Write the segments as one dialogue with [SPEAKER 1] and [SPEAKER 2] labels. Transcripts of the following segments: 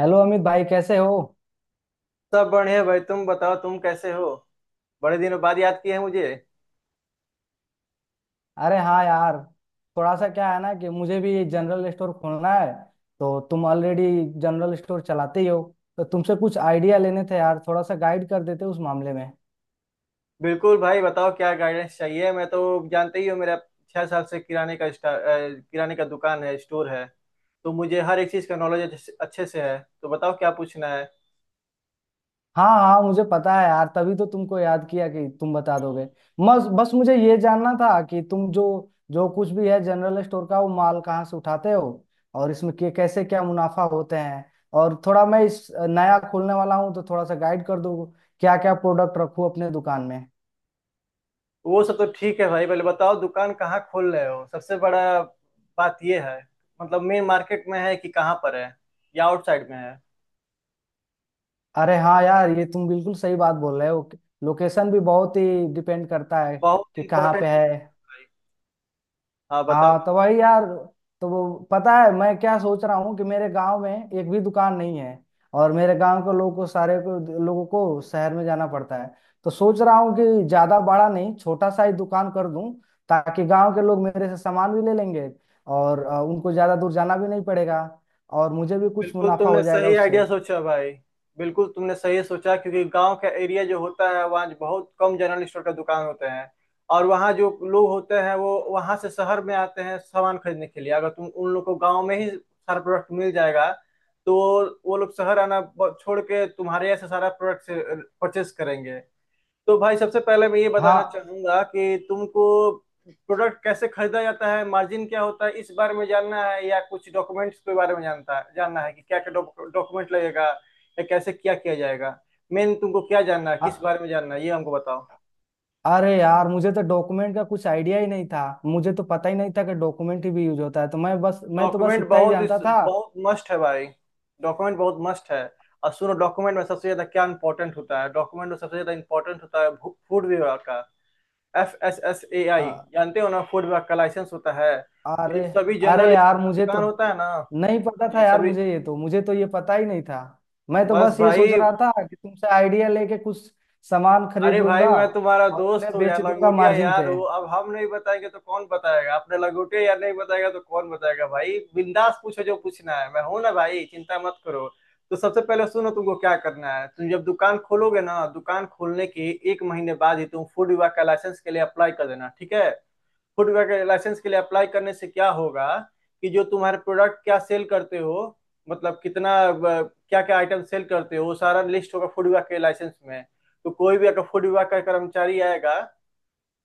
[SPEAKER 1] Hello Amit भाई कैसे हो।
[SPEAKER 2] सब बढ़िया भाई, तुम बताओ तुम कैसे हो। बड़े दिनों बाद याद किए हैं मुझे।
[SPEAKER 1] अरे हाँ यार, थोड़ा सा क्या है ना कि मुझे भी जनरल स्टोर खोलना है। तो तुम ऑलरेडी जनरल स्टोर चलाते ही हो, तो तुमसे कुछ आइडिया लेने थे यार, थोड़ा सा गाइड कर देते उस मामले में।
[SPEAKER 2] बिल्कुल भाई बताओ क्या गाइडेंस चाहिए, मैं तो जानते ही हो मेरा 6 साल से किराने का किराने का दुकान है, स्टोर है। तो मुझे हर एक चीज का नॉलेज अच्छे से है, तो बताओ क्या पूछना है।
[SPEAKER 1] हाँ हाँ, मुझे पता है यार, तभी तो तुमको याद किया कि तुम बता दोगे। बस बस मुझे ये जानना था कि तुम जो जो कुछ भी है जनरल स्टोर का, वो माल कहाँ से उठाते हो और इसमें कैसे क्या मुनाफा होते हैं। और थोड़ा मैं इस नया खोलने वाला हूँ तो थोड़ा सा गाइड कर दो, क्या क्या प्रोडक्ट रखूँ अपने दुकान में।
[SPEAKER 2] वो सब तो ठीक है भाई, पहले बताओ दुकान कहाँ खोल रहे हो। सबसे बड़ा बात ये है, मतलब मेन मार्केट में है कि कहाँ पर है या आउटसाइड में है।
[SPEAKER 1] अरे हाँ यार, ये तुम बिल्कुल सही बात बोल रहे हो, लोकेशन भी बहुत ही डिपेंड करता है
[SPEAKER 2] बहुत
[SPEAKER 1] कि कहाँ
[SPEAKER 2] इंपॉर्टेंट।
[SPEAKER 1] पे है।
[SPEAKER 2] हाँ बताओ।
[SPEAKER 1] हाँ तो वही यार, तो वो पता है मैं क्या सोच रहा हूँ कि मेरे गांव में एक भी दुकान नहीं है और मेरे गांव के लोगों को, सारे को लोगों को शहर में जाना पड़ता है। तो सोच रहा हूँ कि ज्यादा बड़ा नहीं, छोटा सा ही दुकान कर दूं, ताकि गांव के लोग मेरे से सामान भी ले लेंगे और उनको ज्यादा दूर जाना भी नहीं पड़ेगा और मुझे भी कुछ
[SPEAKER 2] बिल्कुल
[SPEAKER 1] मुनाफा
[SPEAKER 2] तुमने
[SPEAKER 1] हो जाएगा
[SPEAKER 2] सही
[SPEAKER 1] उससे।
[SPEAKER 2] आइडिया सोचा भाई। बिल्कुल तुमने सही सोचा, क्योंकि गांव का एरिया जो होता है वहाँ बहुत कम जनरल स्टोर का दुकान होते हैं। और वहाँ जो लोग होते हैं वो वहाँ से शहर में आते हैं सामान खरीदने के लिए। अगर तुम उन लोग को गांव में ही सारा प्रोडक्ट मिल जाएगा तो वो लोग शहर आना छोड़ के तुम्हारे यहाँ से सारा प्रोडक्ट से परचेस करेंगे। तो भाई सबसे पहले मैं ये बताना
[SPEAKER 1] हाँ।
[SPEAKER 2] चाहूंगा कि तुमको प्रोडक्ट कैसे खरीदा जाता है, मार्जिन क्या होता है, इस बारे में जानना है, या कुछ डॉक्यूमेंट्स के बारे में जानता है, जानना है कि क्या क्या डॉक्यूमेंट लगेगा या कैसे क्या किया जाएगा। मेन तुमको क्या जानना है,
[SPEAKER 1] अ-
[SPEAKER 2] किस बारे में जानना है ये हमको बताओ।
[SPEAKER 1] अरे यार, मुझे तो डॉक्यूमेंट का कुछ आइडिया ही नहीं था, मुझे तो पता ही नहीं था कि डॉक्यूमेंट ही भी यूज होता है। तो मैं बस, मैं तो बस
[SPEAKER 2] डॉक्यूमेंट
[SPEAKER 1] इतना ही
[SPEAKER 2] बहुत इस
[SPEAKER 1] जानता
[SPEAKER 2] बहुत मस्ट है भाई। डॉक्यूमेंट बहुत मस्ट है। और सुनो, डॉक्यूमेंट में सबसे ज्यादा क्या इंपॉर्टेंट होता है, डॉक्यूमेंट में सबसे ज्यादा इंपॉर्टेंट होता है फूड विभाग का। FSSAI
[SPEAKER 1] था।
[SPEAKER 2] जानते हो ना, फूड विभाग का लाइसेंस होता है। तो ये
[SPEAKER 1] अरे।
[SPEAKER 2] सभी
[SPEAKER 1] अरे
[SPEAKER 2] जनरल स्टोर
[SPEAKER 1] यार
[SPEAKER 2] का
[SPEAKER 1] मुझे तो
[SPEAKER 2] दुकान होता है ना।
[SPEAKER 1] नहीं पता था
[SPEAKER 2] ये
[SPEAKER 1] यार,
[SPEAKER 2] सभी
[SPEAKER 1] मुझे तो ये पता ही नहीं था। मैं तो
[SPEAKER 2] बस
[SPEAKER 1] बस ये सोच
[SPEAKER 2] भाई।
[SPEAKER 1] रहा था कि तुमसे आइडिया लेके कुछ सामान खरीद
[SPEAKER 2] अरे भाई
[SPEAKER 1] लूंगा
[SPEAKER 2] मैं तुम्हारा
[SPEAKER 1] और
[SPEAKER 2] दोस्त
[SPEAKER 1] उन्हें
[SPEAKER 2] हूँ यार,
[SPEAKER 1] बेच दूंगा
[SPEAKER 2] लंगोटिया
[SPEAKER 1] मार्जिन
[SPEAKER 2] यार
[SPEAKER 1] पे।
[SPEAKER 2] हूँ। अब हम नहीं बताएंगे तो कौन बताएगा, आपने लंगोटिया यार नहीं बताएगा तो कौन बताएगा। भाई बिंदास पूछो जो पूछना है, मैं हूं ना भाई, चिंता मत करो। तो सबसे पहले सुनो तुमको क्या करना है। तुम जब दुकान खोलोगे ना, दुकान खोलने के एक महीने बाद ही तुम फूड विभाग का लाइसेंस के लिए अप्लाई कर देना, ठीक है। फूडवेयर लाइसेंस के लिए अप्लाई करने से क्या होगा कि जो तुम्हारे प्रोडक्ट क्या सेल करते हो, मतलब कितना क्या क्या आइटम सेल करते हो वो सारा लिस्ट होगा फूड विभाग के लाइसेंस में। तो कोई भी अगर फूड विभाग का कर्मचारी आएगा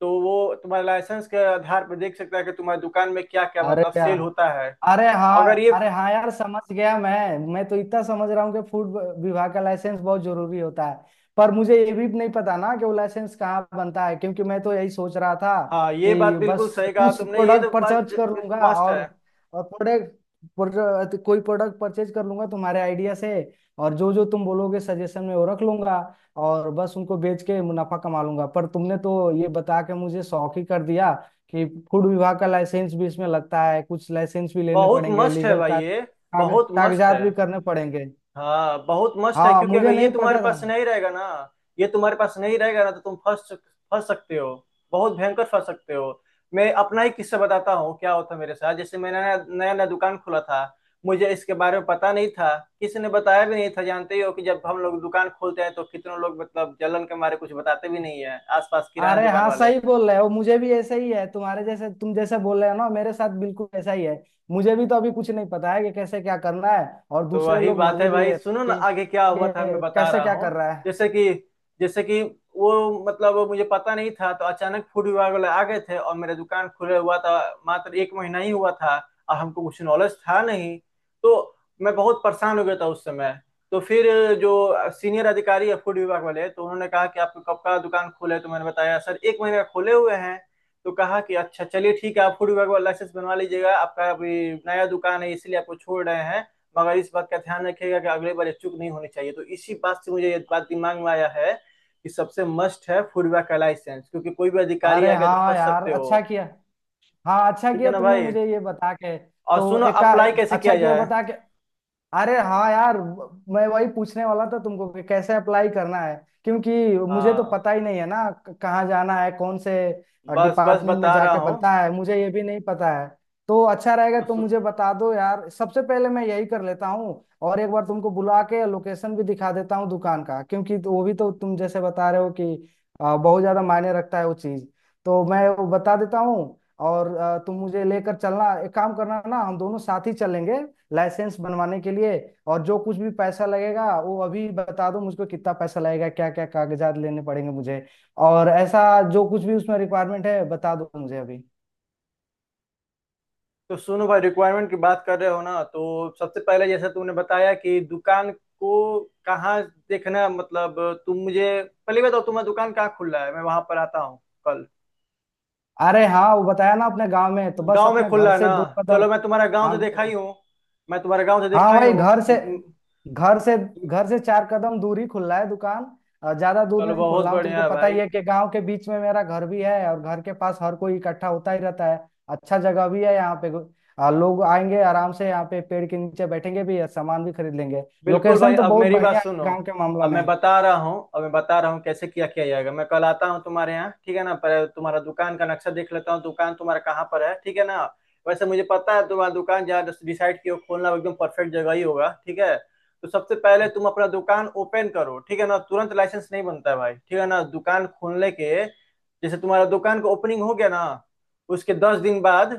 [SPEAKER 2] तो वो तुम्हारे लाइसेंस के आधार पर देख सकता है कि तुम्हारी दुकान में क्या क्या
[SPEAKER 1] अरे
[SPEAKER 2] मतलब
[SPEAKER 1] क्या।
[SPEAKER 2] सेल होता है।
[SPEAKER 1] अरे हाँ,
[SPEAKER 2] अगर ये।
[SPEAKER 1] अरे हाँ यार, समझ गया। मैं तो इतना समझ रहा हूँ कि फूड विभाग का लाइसेंस बहुत जरूरी होता है, पर मुझे ये भी नहीं पता ना कि वो लाइसेंस कहाँ बनता है, क्योंकि मैं तो यही सोच रहा था
[SPEAKER 2] हाँ ये बात
[SPEAKER 1] कि
[SPEAKER 2] बिल्कुल
[SPEAKER 1] बस
[SPEAKER 2] सही कहा
[SPEAKER 1] कुछ
[SPEAKER 2] तुमने, ये तो
[SPEAKER 1] प्रोडक्ट
[SPEAKER 2] बात
[SPEAKER 1] परचेज कर लूंगा
[SPEAKER 2] मस्ट है।
[SPEAKER 1] और और प्रोडक्ट, कोई प्रोडक्ट परचेज कर लूंगा तुम्हारे आइडिया से, और जो जो तुम बोलोगे सजेशन में वो रख लूंगा और बस उनको बेच के मुनाफा कमा लूंगा। पर तुमने तो ये बता के मुझे शौक ही कर दिया कि फूड विभाग का लाइसेंस भी इसमें लगता है, कुछ लाइसेंस भी लेने
[SPEAKER 2] बहुत
[SPEAKER 1] पड़ेंगे,
[SPEAKER 2] मस्ट है
[SPEAKER 1] लीगल
[SPEAKER 2] भाई
[SPEAKER 1] का
[SPEAKER 2] ये, बहुत मस्ट है।
[SPEAKER 1] कागजात भी करने पड़ेंगे।
[SPEAKER 2] हाँ बहुत मस्त है,
[SPEAKER 1] हाँ,
[SPEAKER 2] क्योंकि अगर
[SPEAKER 1] मुझे
[SPEAKER 2] ये
[SPEAKER 1] नहीं
[SPEAKER 2] तुम्हारे
[SPEAKER 1] पता था।
[SPEAKER 2] पास नहीं रहेगा ना, ये तुम्हारे पास नहीं रहेगा ना तो तुम फंस फंस सकते हो। बहुत भयंकर फंस सकते हो। मैं अपना ही किस्सा बताता हूँ क्या होता मेरे साथ। जैसे मैंने नया नया नया दुकान खोला था, मुझे इसके बारे में पता नहीं था, किसी ने बताया भी नहीं था। जानते ही हो कि जब हम लोग दुकान खोलते हैं तो कितने लोग मतलब जलन के मारे कुछ बताते भी नहीं है आसपास किराना
[SPEAKER 1] अरे
[SPEAKER 2] दुकान
[SPEAKER 1] हाँ,
[SPEAKER 2] वाले।
[SPEAKER 1] सही बोल रहे हो, मुझे भी ऐसा ही है तुम्हारे जैसे, तुम जैसे बोल रहे हो ना, मेरे साथ बिल्कुल ऐसा ही है। मुझे भी तो अभी कुछ नहीं पता है कि कैसे क्या करना है, और
[SPEAKER 2] तो
[SPEAKER 1] दूसरे
[SPEAKER 2] वही
[SPEAKER 1] लोग
[SPEAKER 2] बात
[SPEAKER 1] मजे
[SPEAKER 2] है
[SPEAKER 1] भी
[SPEAKER 2] भाई,
[SPEAKER 1] ले
[SPEAKER 2] सुनो
[SPEAKER 1] रहे
[SPEAKER 2] ना
[SPEAKER 1] हैं
[SPEAKER 2] आगे क्या
[SPEAKER 1] कि
[SPEAKER 2] हुआ था मैं
[SPEAKER 1] ये
[SPEAKER 2] बता
[SPEAKER 1] कैसे
[SPEAKER 2] रहा
[SPEAKER 1] क्या
[SPEAKER 2] हूँ।
[SPEAKER 1] कर रहा है।
[SPEAKER 2] जैसे कि, जैसे कि, वो मतलब वो मुझे पता नहीं था तो अचानक फूड विभाग वाले आ गए थे और मेरा दुकान खुला हुआ था, मात्र एक महीना ही हुआ था। और हमको कुछ नॉलेज था नहीं, तो मैं बहुत परेशान हो गया था उस समय। तो फिर जो सीनियर अधिकारी है फूड विभाग वाले, तो उन्होंने कहा कि आपको कब का दुकान खोले है? तो मैंने बताया सर एक महीने का खोले हुए हैं। तो कहा कि अच्छा चलिए ठीक है, आप फूड विभाग वाला लाइसेंस बनवा लीजिएगा, आपका अभी नया दुकान है इसलिए आपको छोड़ रहे हैं। मगर इस बात का ध्यान रखिएगा कि अगली बार ये चूक नहीं होनी चाहिए। तो इसी बात से मुझे ये बात दिमाग में आया है कि सबसे मस्ट है फूडबैक का लाइसेंस, क्योंकि कोई भी अधिकारी
[SPEAKER 1] अरे
[SPEAKER 2] आ गया तो
[SPEAKER 1] हाँ
[SPEAKER 2] फंस
[SPEAKER 1] यार,
[SPEAKER 2] सकते हो।
[SPEAKER 1] अच्छा किया। हाँ, अच्छा
[SPEAKER 2] ठीक है
[SPEAKER 1] किया
[SPEAKER 2] ना
[SPEAKER 1] तुमने
[SPEAKER 2] भाई।
[SPEAKER 1] मुझे ये बता के।
[SPEAKER 2] और
[SPEAKER 1] तो
[SPEAKER 2] सुनो
[SPEAKER 1] एक का,
[SPEAKER 2] अप्लाई कैसे
[SPEAKER 1] अच्छा
[SPEAKER 2] किया
[SPEAKER 1] किया
[SPEAKER 2] जाए।
[SPEAKER 1] बता के। अरे हाँ यार, मैं वही पूछने वाला था तुमको कि कैसे अप्लाई करना है, क्योंकि मुझे तो
[SPEAKER 2] हाँ
[SPEAKER 1] पता ही नहीं है ना कहाँ जाना है, कौन से
[SPEAKER 2] बस बस
[SPEAKER 1] डिपार्टमेंट में
[SPEAKER 2] बता रहा
[SPEAKER 1] जाके
[SPEAKER 2] हूँ।
[SPEAKER 1] बनता है, मुझे ये भी नहीं पता है। तो अच्छा रहेगा
[SPEAKER 2] तो
[SPEAKER 1] तुम
[SPEAKER 2] सु,
[SPEAKER 1] मुझे बता दो यार, सबसे पहले मैं यही कर लेता हूँ, और एक बार तुमको बुला के लोकेशन भी दिखा देता हूँ दुकान का, क्योंकि तो वो भी तो तुम जैसे बता रहे हो कि बहुत ज्यादा मायने रखता है वो चीज, तो मैं वो बता देता हूँ। और तुम मुझे लेकर चलना, एक काम करना ना, हम दोनों साथ ही चलेंगे लाइसेंस बनवाने के लिए। और जो कुछ भी पैसा लगेगा वो अभी बता दो मुझको, कितना पैसा लगेगा, क्या क्या कागजात लेने पड़ेंगे मुझे, और ऐसा जो कुछ भी उसमें रिक्वायरमेंट है बता दो मुझे अभी।
[SPEAKER 2] तो सुनो भाई, रिक्वायरमेंट की बात कर रहे हो ना तो सबसे पहले जैसा तुमने बताया कि दुकान को कहाँ देखना, मतलब तुम मुझे, पहली बात तो तुम्हारा दुकान कहाँ खुल रहा है मैं वहां पर आता हूँ कल।
[SPEAKER 1] अरे हाँ, वो बताया ना, अपने गांव में, तो बस
[SPEAKER 2] गांव में
[SPEAKER 1] अपने घर
[SPEAKER 2] खुला है
[SPEAKER 1] से
[SPEAKER 2] ना,
[SPEAKER 1] दो कदम।
[SPEAKER 2] चलो मैं तुम्हारा गांव तो
[SPEAKER 1] हाँ।
[SPEAKER 2] देखा ही हूँ। मैं तुम्हारा गांव तो
[SPEAKER 1] हाँ
[SPEAKER 2] देखा ही
[SPEAKER 1] भाई,
[SPEAKER 2] हूँ
[SPEAKER 1] घर से
[SPEAKER 2] म- म-
[SPEAKER 1] घर से घर से चार कदम दूर ही खुला है दुकान। ज्यादा दूर
[SPEAKER 2] चलो
[SPEAKER 1] नहीं खुल
[SPEAKER 2] बहुत
[SPEAKER 1] रहा हूँ,
[SPEAKER 2] बढ़िया
[SPEAKER 1] तुमको
[SPEAKER 2] है
[SPEAKER 1] पता
[SPEAKER 2] भाई।
[SPEAKER 1] ही है कि गांव के बीच में मेरा घर भी है और घर के पास हर कोई इकट्ठा होता ही रहता है। अच्छा जगह भी है यहाँ पे, लोग आएंगे आराम से, यहाँ पे पेड़ के नीचे बैठेंगे भी और सामान भी खरीद लेंगे।
[SPEAKER 2] बिल्कुल भाई
[SPEAKER 1] लोकेशन तो
[SPEAKER 2] अब
[SPEAKER 1] बहुत
[SPEAKER 2] मेरी बात
[SPEAKER 1] बढ़िया है
[SPEAKER 2] सुनो।
[SPEAKER 1] गाँव के मामला
[SPEAKER 2] अब मैं
[SPEAKER 1] में।
[SPEAKER 2] बता रहा हूँ, अब मैं बता रहा हूँ कैसे किया किया जाएगा। मैं कल आता हूँ तुम्हारे यहाँ, ठीक है ना, पर तुम्हारा दुकान का नक्शा देख लेता हूँ, दुकान तुम्हारा कहाँ पर है, ठीक है ना। वैसे मुझे पता है तुम्हारा दुकान जहाँ डिसाइड किया हो खोलना वो एकदम परफेक्ट जगह ही होगा, ठीक है। तो सबसे पहले तुम अपना दुकान ओपन करो, ठीक है ना, तुरंत लाइसेंस नहीं बनता है भाई, ठीक है ना। दुकान खोलने के, जैसे तुम्हारा दुकान का ओपनिंग हो गया ना, उसके 10 दिन बाद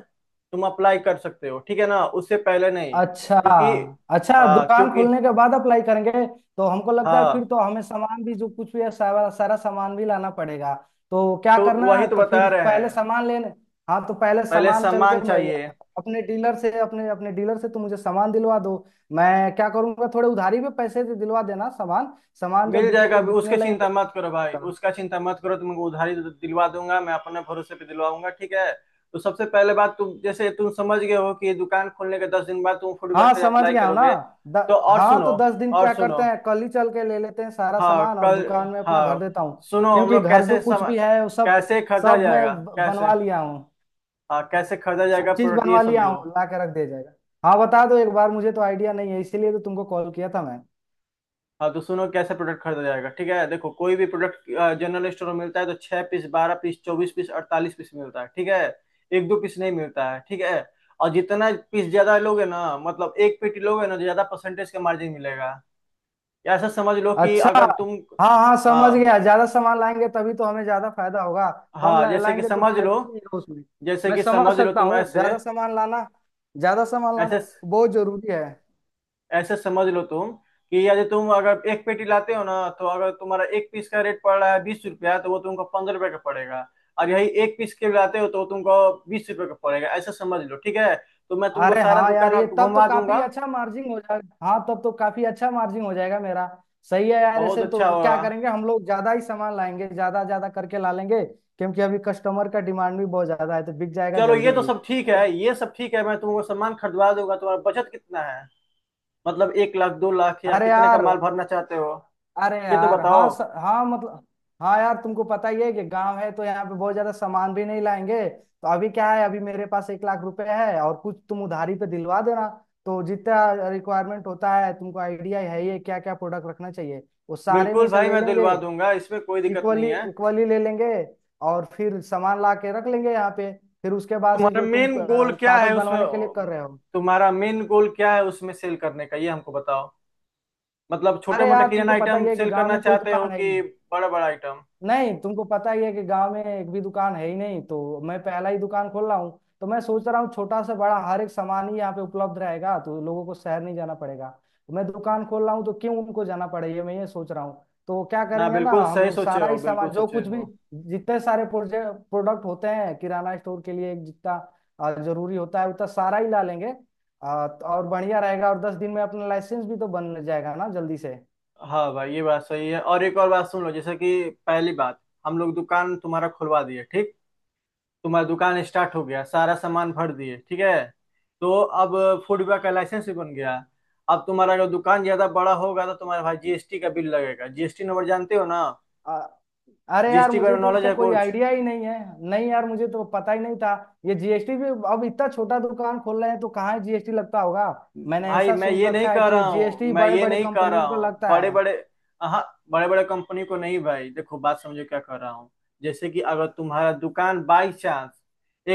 [SPEAKER 2] तुम अप्लाई कर सकते हो, ठीक है ना, उससे पहले नहीं
[SPEAKER 1] अच्छा,
[SPEAKER 2] क्योंकि।
[SPEAKER 1] अच्छा,
[SPEAKER 2] हाँ
[SPEAKER 1] दुकान
[SPEAKER 2] क्योंकि।
[SPEAKER 1] खोलने के बाद अप्लाई करेंगे। तो हमको लगता है फिर
[SPEAKER 2] हाँ
[SPEAKER 1] तो हमें सामान भी जो कुछ भी है, सारा सारा सामान भी लाना पड़ेगा। तो क्या
[SPEAKER 2] तो
[SPEAKER 1] करना
[SPEAKER 2] वही
[SPEAKER 1] है,
[SPEAKER 2] तो
[SPEAKER 1] तो
[SPEAKER 2] बता
[SPEAKER 1] फिर
[SPEAKER 2] रहे
[SPEAKER 1] पहले
[SPEAKER 2] हैं।
[SPEAKER 1] सामान लेने। हाँ, तो पहले
[SPEAKER 2] पहले
[SPEAKER 1] सामान चल के
[SPEAKER 2] सम्मान चाहिए।
[SPEAKER 1] अपने डीलर से, अपने अपने डीलर से तुम मुझे सामान दिलवा दो। मैं क्या करूंगा, थोड़े उधारी में पैसे दिलवा देना सामान, सामान जब
[SPEAKER 2] मिल जाएगा
[SPEAKER 1] बिकेंगे,
[SPEAKER 2] अभी,
[SPEAKER 1] बिकने
[SPEAKER 2] उसके चिंता
[SPEAKER 1] लगेंगे।
[SPEAKER 2] मत करो भाई, उसका चिंता मत करो, तुमको उधारी दिलवा दूंगा मैं, अपने भरोसे पे दिलवाऊंगा, ठीक है। तो सबसे पहले बात, तुम जैसे तुम समझ गए हो कि ये दुकान खोलने के 10 दिन बाद तुम फूड
[SPEAKER 1] हाँ,
[SPEAKER 2] के लिए
[SPEAKER 1] समझ
[SPEAKER 2] अप्लाई
[SPEAKER 1] गया हूँ ना।
[SPEAKER 2] करोगे।
[SPEAKER 1] द,
[SPEAKER 2] तो और
[SPEAKER 1] हाँ, तो
[SPEAKER 2] सुनो।
[SPEAKER 1] 10 दिन
[SPEAKER 2] और
[SPEAKER 1] क्या
[SPEAKER 2] सुनो।
[SPEAKER 1] करते हैं, कल ही चल के ले लेते हैं सारा
[SPEAKER 2] हाँ
[SPEAKER 1] सामान, और
[SPEAKER 2] कल।
[SPEAKER 1] दुकान में अपना भर
[SPEAKER 2] हाँ।
[SPEAKER 1] देता हूँ।
[SPEAKER 2] सुनो हम
[SPEAKER 1] क्योंकि
[SPEAKER 2] लोग
[SPEAKER 1] घर जो कुछ भी है वो सब
[SPEAKER 2] कैसे खरीदा
[SPEAKER 1] सब मैं
[SPEAKER 2] जाएगा, कैसे।
[SPEAKER 1] बनवा लिया हूँ,
[SPEAKER 2] हाँ कैसे खरीदा
[SPEAKER 1] सब
[SPEAKER 2] जाएगा
[SPEAKER 1] चीज
[SPEAKER 2] प्रोडक्ट ये
[SPEAKER 1] बनवा लिया
[SPEAKER 2] समझो।
[SPEAKER 1] हूँ, ला के रख दिया जाएगा। हाँ, बता दो एक बार, मुझे तो आइडिया नहीं है, इसीलिए तो तुमको कॉल किया था मैं।
[SPEAKER 2] हाँ तो सुनो कैसे प्रोडक्ट खरीदा जाएगा, ठीक है। देखो कोई भी प्रोडक्ट जनरल स्टोर में मिलता है तो 6 पीस, 12 पीस, 24 पीस, 48 पीस मिलता है, ठीक है। एक दो पीस नहीं मिलता है, ठीक है। और जितना पीस ज्यादा लोगे ना, मतलब एक पेटी लोगे ना, तो ज्यादा परसेंटेज का मार्जिन मिलेगा। या ऐसा समझ लो कि
[SPEAKER 1] अच्छा।
[SPEAKER 2] अगर तुम।
[SPEAKER 1] हाँ हाँ, समझ
[SPEAKER 2] हाँ।
[SPEAKER 1] गया, ज्यादा सामान लाएंगे तभी तो हमें ज्यादा फायदा होगा,
[SPEAKER 2] हाँ जैसे कि
[SPEAKER 1] लाएंगे तो
[SPEAKER 2] समझ लो।
[SPEAKER 1] फायदा ही नहीं होगा उसमें।
[SPEAKER 2] जैसे
[SPEAKER 1] मैं
[SPEAKER 2] कि
[SPEAKER 1] समझ
[SPEAKER 2] समझ लो
[SPEAKER 1] सकता
[SPEAKER 2] तुम
[SPEAKER 1] हूँ,
[SPEAKER 2] ऐसे।
[SPEAKER 1] ज्यादा सामान लाना, ज्यादा सामान
[SPEAKER 2] ऐसे
[SPEAKER 1] लाना बहुत जरूरी है।
[SPEAKER 2] ऐसे समझ लो तुम कि यदि तुम अगर एक पेटी लाते हो ना, तो अगर तुम्हारा एक पीस का रेट पड़ रहा है 20 रुपया तो वो तुमको 15 रुपये का पड़ेगा। और यही एक पीस के लाते हो तो वो तुमको 20 रुपये का पड़ेगा, ऐसा समझ लो, ठीक है। तो मैं तुमको
[SPEAKER 1] अरे
[SPEAKER 2] सारा
[SPEAKER 1] हाँ
[SPEAKER 2] दुकान
[SPEAKER 1] यार, ये
[SPEAKER 2] आप
[SPEAKER 1] तब तो
[SPEAKER 2] घुमा
[SPEAKER 1] काफी
[SPEAKER 2] दूंगा।
[SPEAKER 1] अच्छा मार्जिन हो जाएगा, हाँ तब तो काफी अच्छा मार्जिन हो जाएगा मेरा। सही है यार,
[SPEAKER 2] बहुत
[SPEAKER 1] ऐसे तो
[SPEAKER 2] अच्छा
[SPEAKER 1] क्या
[SPEAKER 2] होगा।
[SPEAKER 1] करेंगे हम लोग, ज्यादा ही सामान लाएंगे, ज्यादा ज्यादा करके ला लेंगे, क्योंकि अभी कस्टमर का डिमांड भी बहुत ज्यादा है, तो बिक जाएगा
[SPEAKER 2] चलो ये
[SPEAKER 1] जल्दी
[SPEAKER 2] तो
[SPEAKER 1] ही
[SPEAKER 2] सब ठीक है,
[SPEAKER 1] तो।
[SPEAKER 2] ये सब ठीक है, मैं तुमको सामान खरीदवा दूंगा। तुम्हारा बचत कितना है, मतलब 1 लाख, 2 लाख, या
[SPEAKER 1] अरे
[SPEAKER 2] कितने का
[SPEAKER 1] यार,
[SPEAKER 2] माल भरना चाहते हो
[SPEAKER 1] अरे
[SPEAKER 2] ये तो
[SPEAKER 1] यार हाँ,
[SPEAKER 2] बताओ।
[SPEAKER 1] हाँ मतलब, हाँ यार तुमको पता ही है कि गांव है, तो यहाँ पे बहुत ज्यादा सामान भी नहीं लाएंगे, तो अभी क्या है, अभी मेरे पास 1 लाख रुपए है और कुछ तुम उधारी पे दिलवा देना। तो जितना रिक्वायरमेंट होता है, तुमको आइडिया है ही क्या क्या प्रोडक्ट रखना चाहिए, वो सारे में
[SPEAKER 2] बिल्कुल
[SPEAKER 1] से
[SPEAKER 2] भाई
[SPEAKER 1] ले
[SPEAKER 2] मैं
[SPEAKER 1] लेंगे,
[SPEAKER 2] दिलवा दूंगा, इसमें कोई दिक्कत नहीं
[SPEAKER 1] इक्वली
[SPEAKER 2] है।
[SPEAKER 1] इक्वली ले लेंगे, और फिर सामान ला के रख लेंगे यहाँ पे। फिर उसके बाद से
[SPEAKER 2] तुम्हारा
[SPEAKER 1] जो तुम
[SPEAKER 2] मेन गोल क्या
[SPEAKER 1] कागज
[SPEAKER 2] है उसमें,
[SPEAKER 1] बनवाने के लिए कर रहे हो।
[SPEAKER 2] तुम्हारा मेन गोल क्या है उसमें सेल करने का ये हमको बताओ। मतलब छोटे
[SPEAKER 1] अरे
[SPEAKER 2] मोटे
[SPEAKER 1] यार
[SPEAKER 2] किराना
[SPEAKER 1] तुमको पता
[SPEAKER 2] आइटम
[SPEAKER 1] ही है कि
[SPEAKER 2] सेल
[SPEAKER 1] गांव
[SPEAKER 2] करना
[SPEAKER 1] में कोई
[SPEAKER 2] चाहते हो
[SPEAKER 1] दुकान है
[SPEAKER 2] कि
[SPEAKER 1] ही
[SPEAKER 2] बड़ा बड़ा आइटम।
[SPEAKER 1] नहीं, तुमको पता ही है कि गांव में एक भी दुकान है ही नहीं, तो मैं पहला ही दुकान खोल रहा हूँ, तो मैं सोच रहा हूँ छोटा से बड़ा हर एक सामान ही यहाँ पे उपलब्ध रहेगा, तो लोगों को शहर नहीं जाना पड़ेगा। तो मैं दुकान खोल रहा हूँ तो क्यों उनको जाना पड़े, ये मैं ये सोच रहा हूँ। तो क्या
[SPEAKER 2] ना
[SPEAKER 1] करेंगे ना
[SPEAKER 2] बिल्कुल
[SPEAKER 1] हम
[SPEAKER 2] सही
[SPEAKER 1] लोग,
[SPEAKER 2] सोचे
[SPEAKER 1] सारा
[SPEAKER 2] हो,
[SPEAKER 1] ही
[SPEAKER 2] बिल्कुल
[SPEAKER 1] सामान जो
[SPEAKER 2] सोचे
[SPEAKER 1] कुछ भी,
[SPEAKER 2] हो।
[SPEAKER 1] जितने सारे प्रोजेक्ट प्रोडक्ट होते हैं किराना स्टोर के लिए, जितना जरूरी होता है उतना सारा ही ला लेंगे। तो और बढ़िया रहेगा, और 10 दिन में अपना लाइसेंस भी तो बन जाएगा ना जल्दी से।
[SPEAKER 2] हाँ भाई ये बात सही है। और एक और बात सुन लो, जैसे कि पहली बात हम लोग दुकान तुम्हारा खुलवा दिए ठीक, तुम्हारा दुकान स्टार्ट हो गया सारा सामान भर दिए, ठीक है। तो अब फूड विभाग का लाइसेंस भी बन गया। अब तुम्हारा अगर दुकान ज्यादा बड़ा होगा तो तुम्हारा भाई जीएसटी का बिल लगेगा, जीएसटी नंबर जानते हो ना,
[SPEAKER 1] आ, अरे यार
[SPEAKER 2] जीएसटी बारे
[SPEAKER 1] मुझे
[SPEAKER 2] में
[SPEAKER 1] तो
[SPEAKER 2] नॉलेज
[SPEAKER 1] इसका
[SPEAKER 2] है
[SPEAKER 1] कोई
[SPEAKER 2] कुछ।
[SPEAKER 1] आइडिया ही नहीं है, नहीं यार मुझे तो पता ही नहीं था। ये जीएसटी भी, अब इतना छोटा दुकान खोल रहे हैं तो कहाँ जीएसटी लगता होगा, मैंने
[SPEAKER 2] भाई
[SPEAKER 1] ऐसा
[SPEAKER 2] मैं
[SPEAKER 1] सुन
[SPEAKER 2] ये नहीं
[SPEAKER 1] रखा है
[SPEAKER 2] कह
[SPEAKER 1] कि
[SPEAKER 2] रहा हूँ,
[SPEAKER 1] जीएसटी
[SPEAKER 2] मैं
[SPEAKER 1] बड़े
[SPEAKER 2] ये
[SPEAKER 1] बड़े
[SPEAKER 2] नहीं कह रहा
[SPEAKER 1] कंपनियों को
[SPEAKER 2] हूँ
[SPEAKER 1] लगता
[SPEAKER 2] बड़े
[SPEAKER 1] है।
[SPEAKER 2] बड़े। हाँ बड़े बड़े कंपनी को नहीं भाई, देखो बात समझो क्या कह रहा हूँ। जैसे कि अगर तुम्हारा दुकान बाई चांस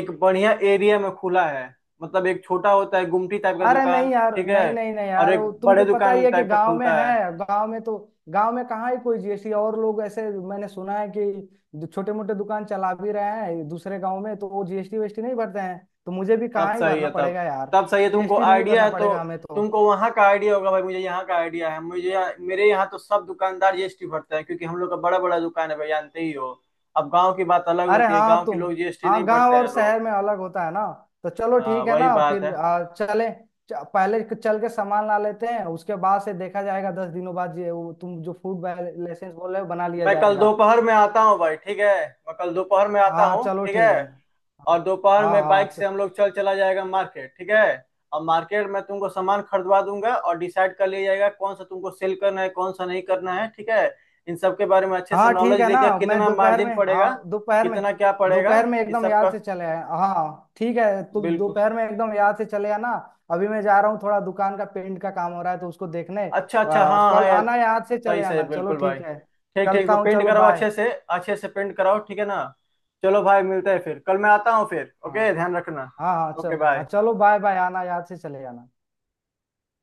[SPEAKER 2] एक बढ़िया एरिया में खुला है, मतलब एक छोटा होता है गुमटी टाइप का
[SPEAKER 1] अरे नहीं
[SPEAKER 2] दुकान,
[SPEAKER 1] यार,
[SPEAKER 2] ठीक है,
[SPEAKER 1] नहीं नहीं नहीं
[SPEAKER 2] और
[SPEAKER 1] यार,
[SPEAKER 2] एक
[SPEAKER 1] वो
[SPEAKER 2] बड़े
[SPEAKER 1] तुमको पता ही
[SPEAKER 2] दुकान
[SPEAKER 1] है कि
[SPEAKER 2] टाइप का
[SPEAKER 1] गांव में
[SPEAKER 2] खुलता है।
[SPEAKER 1] है, गांव में तो गांव में कहाँ ही कोई जीएसटी, और लोग ऐसे, मैंने सुना है कि छोटे मोटे दुकान चला भी रहे हैं दूसरे गांव में, तो वो जीएसटी वीएसटी नहीं भरते हैं, तो मुझे भी
[SPEAKER 2] तब
[SPEAKER 1] कहाँ ही
[SPEAKER 2] सही
[SPEAKER 1] भरना
[SPEAKER 2] है, तब,
[SPEAKER 1] पड़ेगा यार,
[SPEAKER 2] तब सही है, तुमको
[SPEAKER 1] जीएसटी नहीं
[SPEAKER 2] आइडिया
[SPEAKER 1] भरना
[SPEAKER 2] है तो।
[SPEAKER 1] पड़ेगा हमें तो।
[SPEAKER 2] तुमको वहां का आइडिया होगा भाई, मुझे यहाँ का आइडिया है, मुझे यहाँ, मेरे यहाँ तो सब दुकानदार जीएसटी भरते हैं क्योंकि हम लोग का बड़ा बड़ा दुकान है भाई, जानते ही हो। अब गांव की बात अलग
[SPEAKER 1] अरे
[SPEAKER 2] होती है,
[SPEAKER 1] हाँ
[SPEAKER 2] गांव के
[SPEAKER 1] तुम,
[SPEAKER 2] लोग जीएसटी
[SPEAKER 1] हाँ
[SPEAKER 2] नहीं
[SPEAKER 1] गांव
[SPEAKER 2] भरते
[SPEAKER 1] और
[SPEAKER 2] हैं लोग।
[SPEAKER 1] शहर में अलग होता है ना। तो चलो
[SPEAKER 2] हाँ
[SPEAKER 1] ठीक है
[SPEAKER 2] वही
[SPEAKER 1] ना,
[SPEAKER 2] बात है।
[SPEAKER 1] फिर चले, पहले चल के सामान ला लेते हैं, उसके बाद से देखा जाएगा, 10 दिनों बाद ये वो तुम जो फूड लाइसेंस बोल रहे हो बना लिया
[SPEAKER 2] मैं कल
[SPEAKER 1] जाएगा।
[SPEAKER 2] दोपहर में आता हूँ भाई, ठीक है। मैं कल दोपहर में आता
[SPEAKER 1] हाँ
[SPEAKER 2] हूँ,
[SPEAKER 1] चलो
[SPEAKER 2] ठीक है।
[SPEAKER 1] ठीक है,
[SPEAKER 2] और
[SPEAKER 1] हाँ।
[SPEAKER 2] दोपहर
[SPEAKER 1] हाँ
[SPEAKER 2] में
[SPEAKER 1] हाँ,
[SPEAKER 2] बाइक से हम लोग चल चला जाएगा मार्केट, ठीक है। और मार्केट में तुमको सामान खरीदवा दूंगा, और डिसाइड कर लिया जाएगा कौन सा तुमको सेल करना है कौन सा नहीं करना है, ठीक है। इन सब के बारे में अच्छे से
[SPEAKER 1] हाँ ठीक
[SPEAKER 2] नॉलेज
[SPEAKER 1] है ना,
[SPEAKER 2] लेकर,
[SPEAKER 1] मैं
[SPEAKER 2] कितना
[SPEAKER 1] दोपहर
[SPEAKER 2] मार्जिन
[SPEAKER 1] में,
[SPEAKER 2] पड़ेगा,
[SPEAKER 1] हाँ दोपहर में,
[SPEAKER 2] कितना क्या पड़ेगा,
[SPEAKER 1] दोपहर में
[SPEAKER 2] इस
[SPEAKER 1] एकदम
[SPEAKER 2] सब का।
[SPEAKER 1] याद से चले आए, हाँ ठीक है, तुम
[SPEAKER 2] बिल्कुल।
[SPEAKER 1] दोपहर में एकदम याद से चले आना। अभी मैं जा रहा हूँ, थोड़ा दुकान का पेंट का काम हो रहा है तो उसको देखने।
[SPEAKER 2] अच्छा अच्छा, हाँ हाँ
[SPEAKER 1] कल
[SPEAKER 2] यार।
[SPEAKER 1] आना, याद से
[SPEAKER 2] सही
[SPEAKER 1] चले
[SPEAKER 2] सही,
[SPEAKER 1] आना, चलो
[SPEAKER 2] बिल्कुल भाई।
[SPEAKER 1] ठीक है।
[SPEAKER 2] ठीक ठीक,
[SPEAKER 1] चलता
[SPEAKER 2] तो
[SPEAKER 1] हूँ,
[SPEAKER 2] पेंट
[SPEAKER 1] चलो
[SPEAKER 2] कराओ,
[SPEAKER 1] बाय।
[SPEAKER 2] अच्छे से पेंट कराओ, ठीक है ना। चलो भाई, मिलते हैं फिर कल, मैं आता हूँ फिर।
[SPEAKER 1] हाँ।
[SPEAKER 2] ओके ध्यान रखना।
[SPEAKER 1] हाँ हाँ
[SPEAKER 2] ओके
[SPEAKER 1] चलो, हाँ
[SPEAKER 2] बाय।
[SPEAKER 1] चलो बाय बाय, आना, याद से चले आना।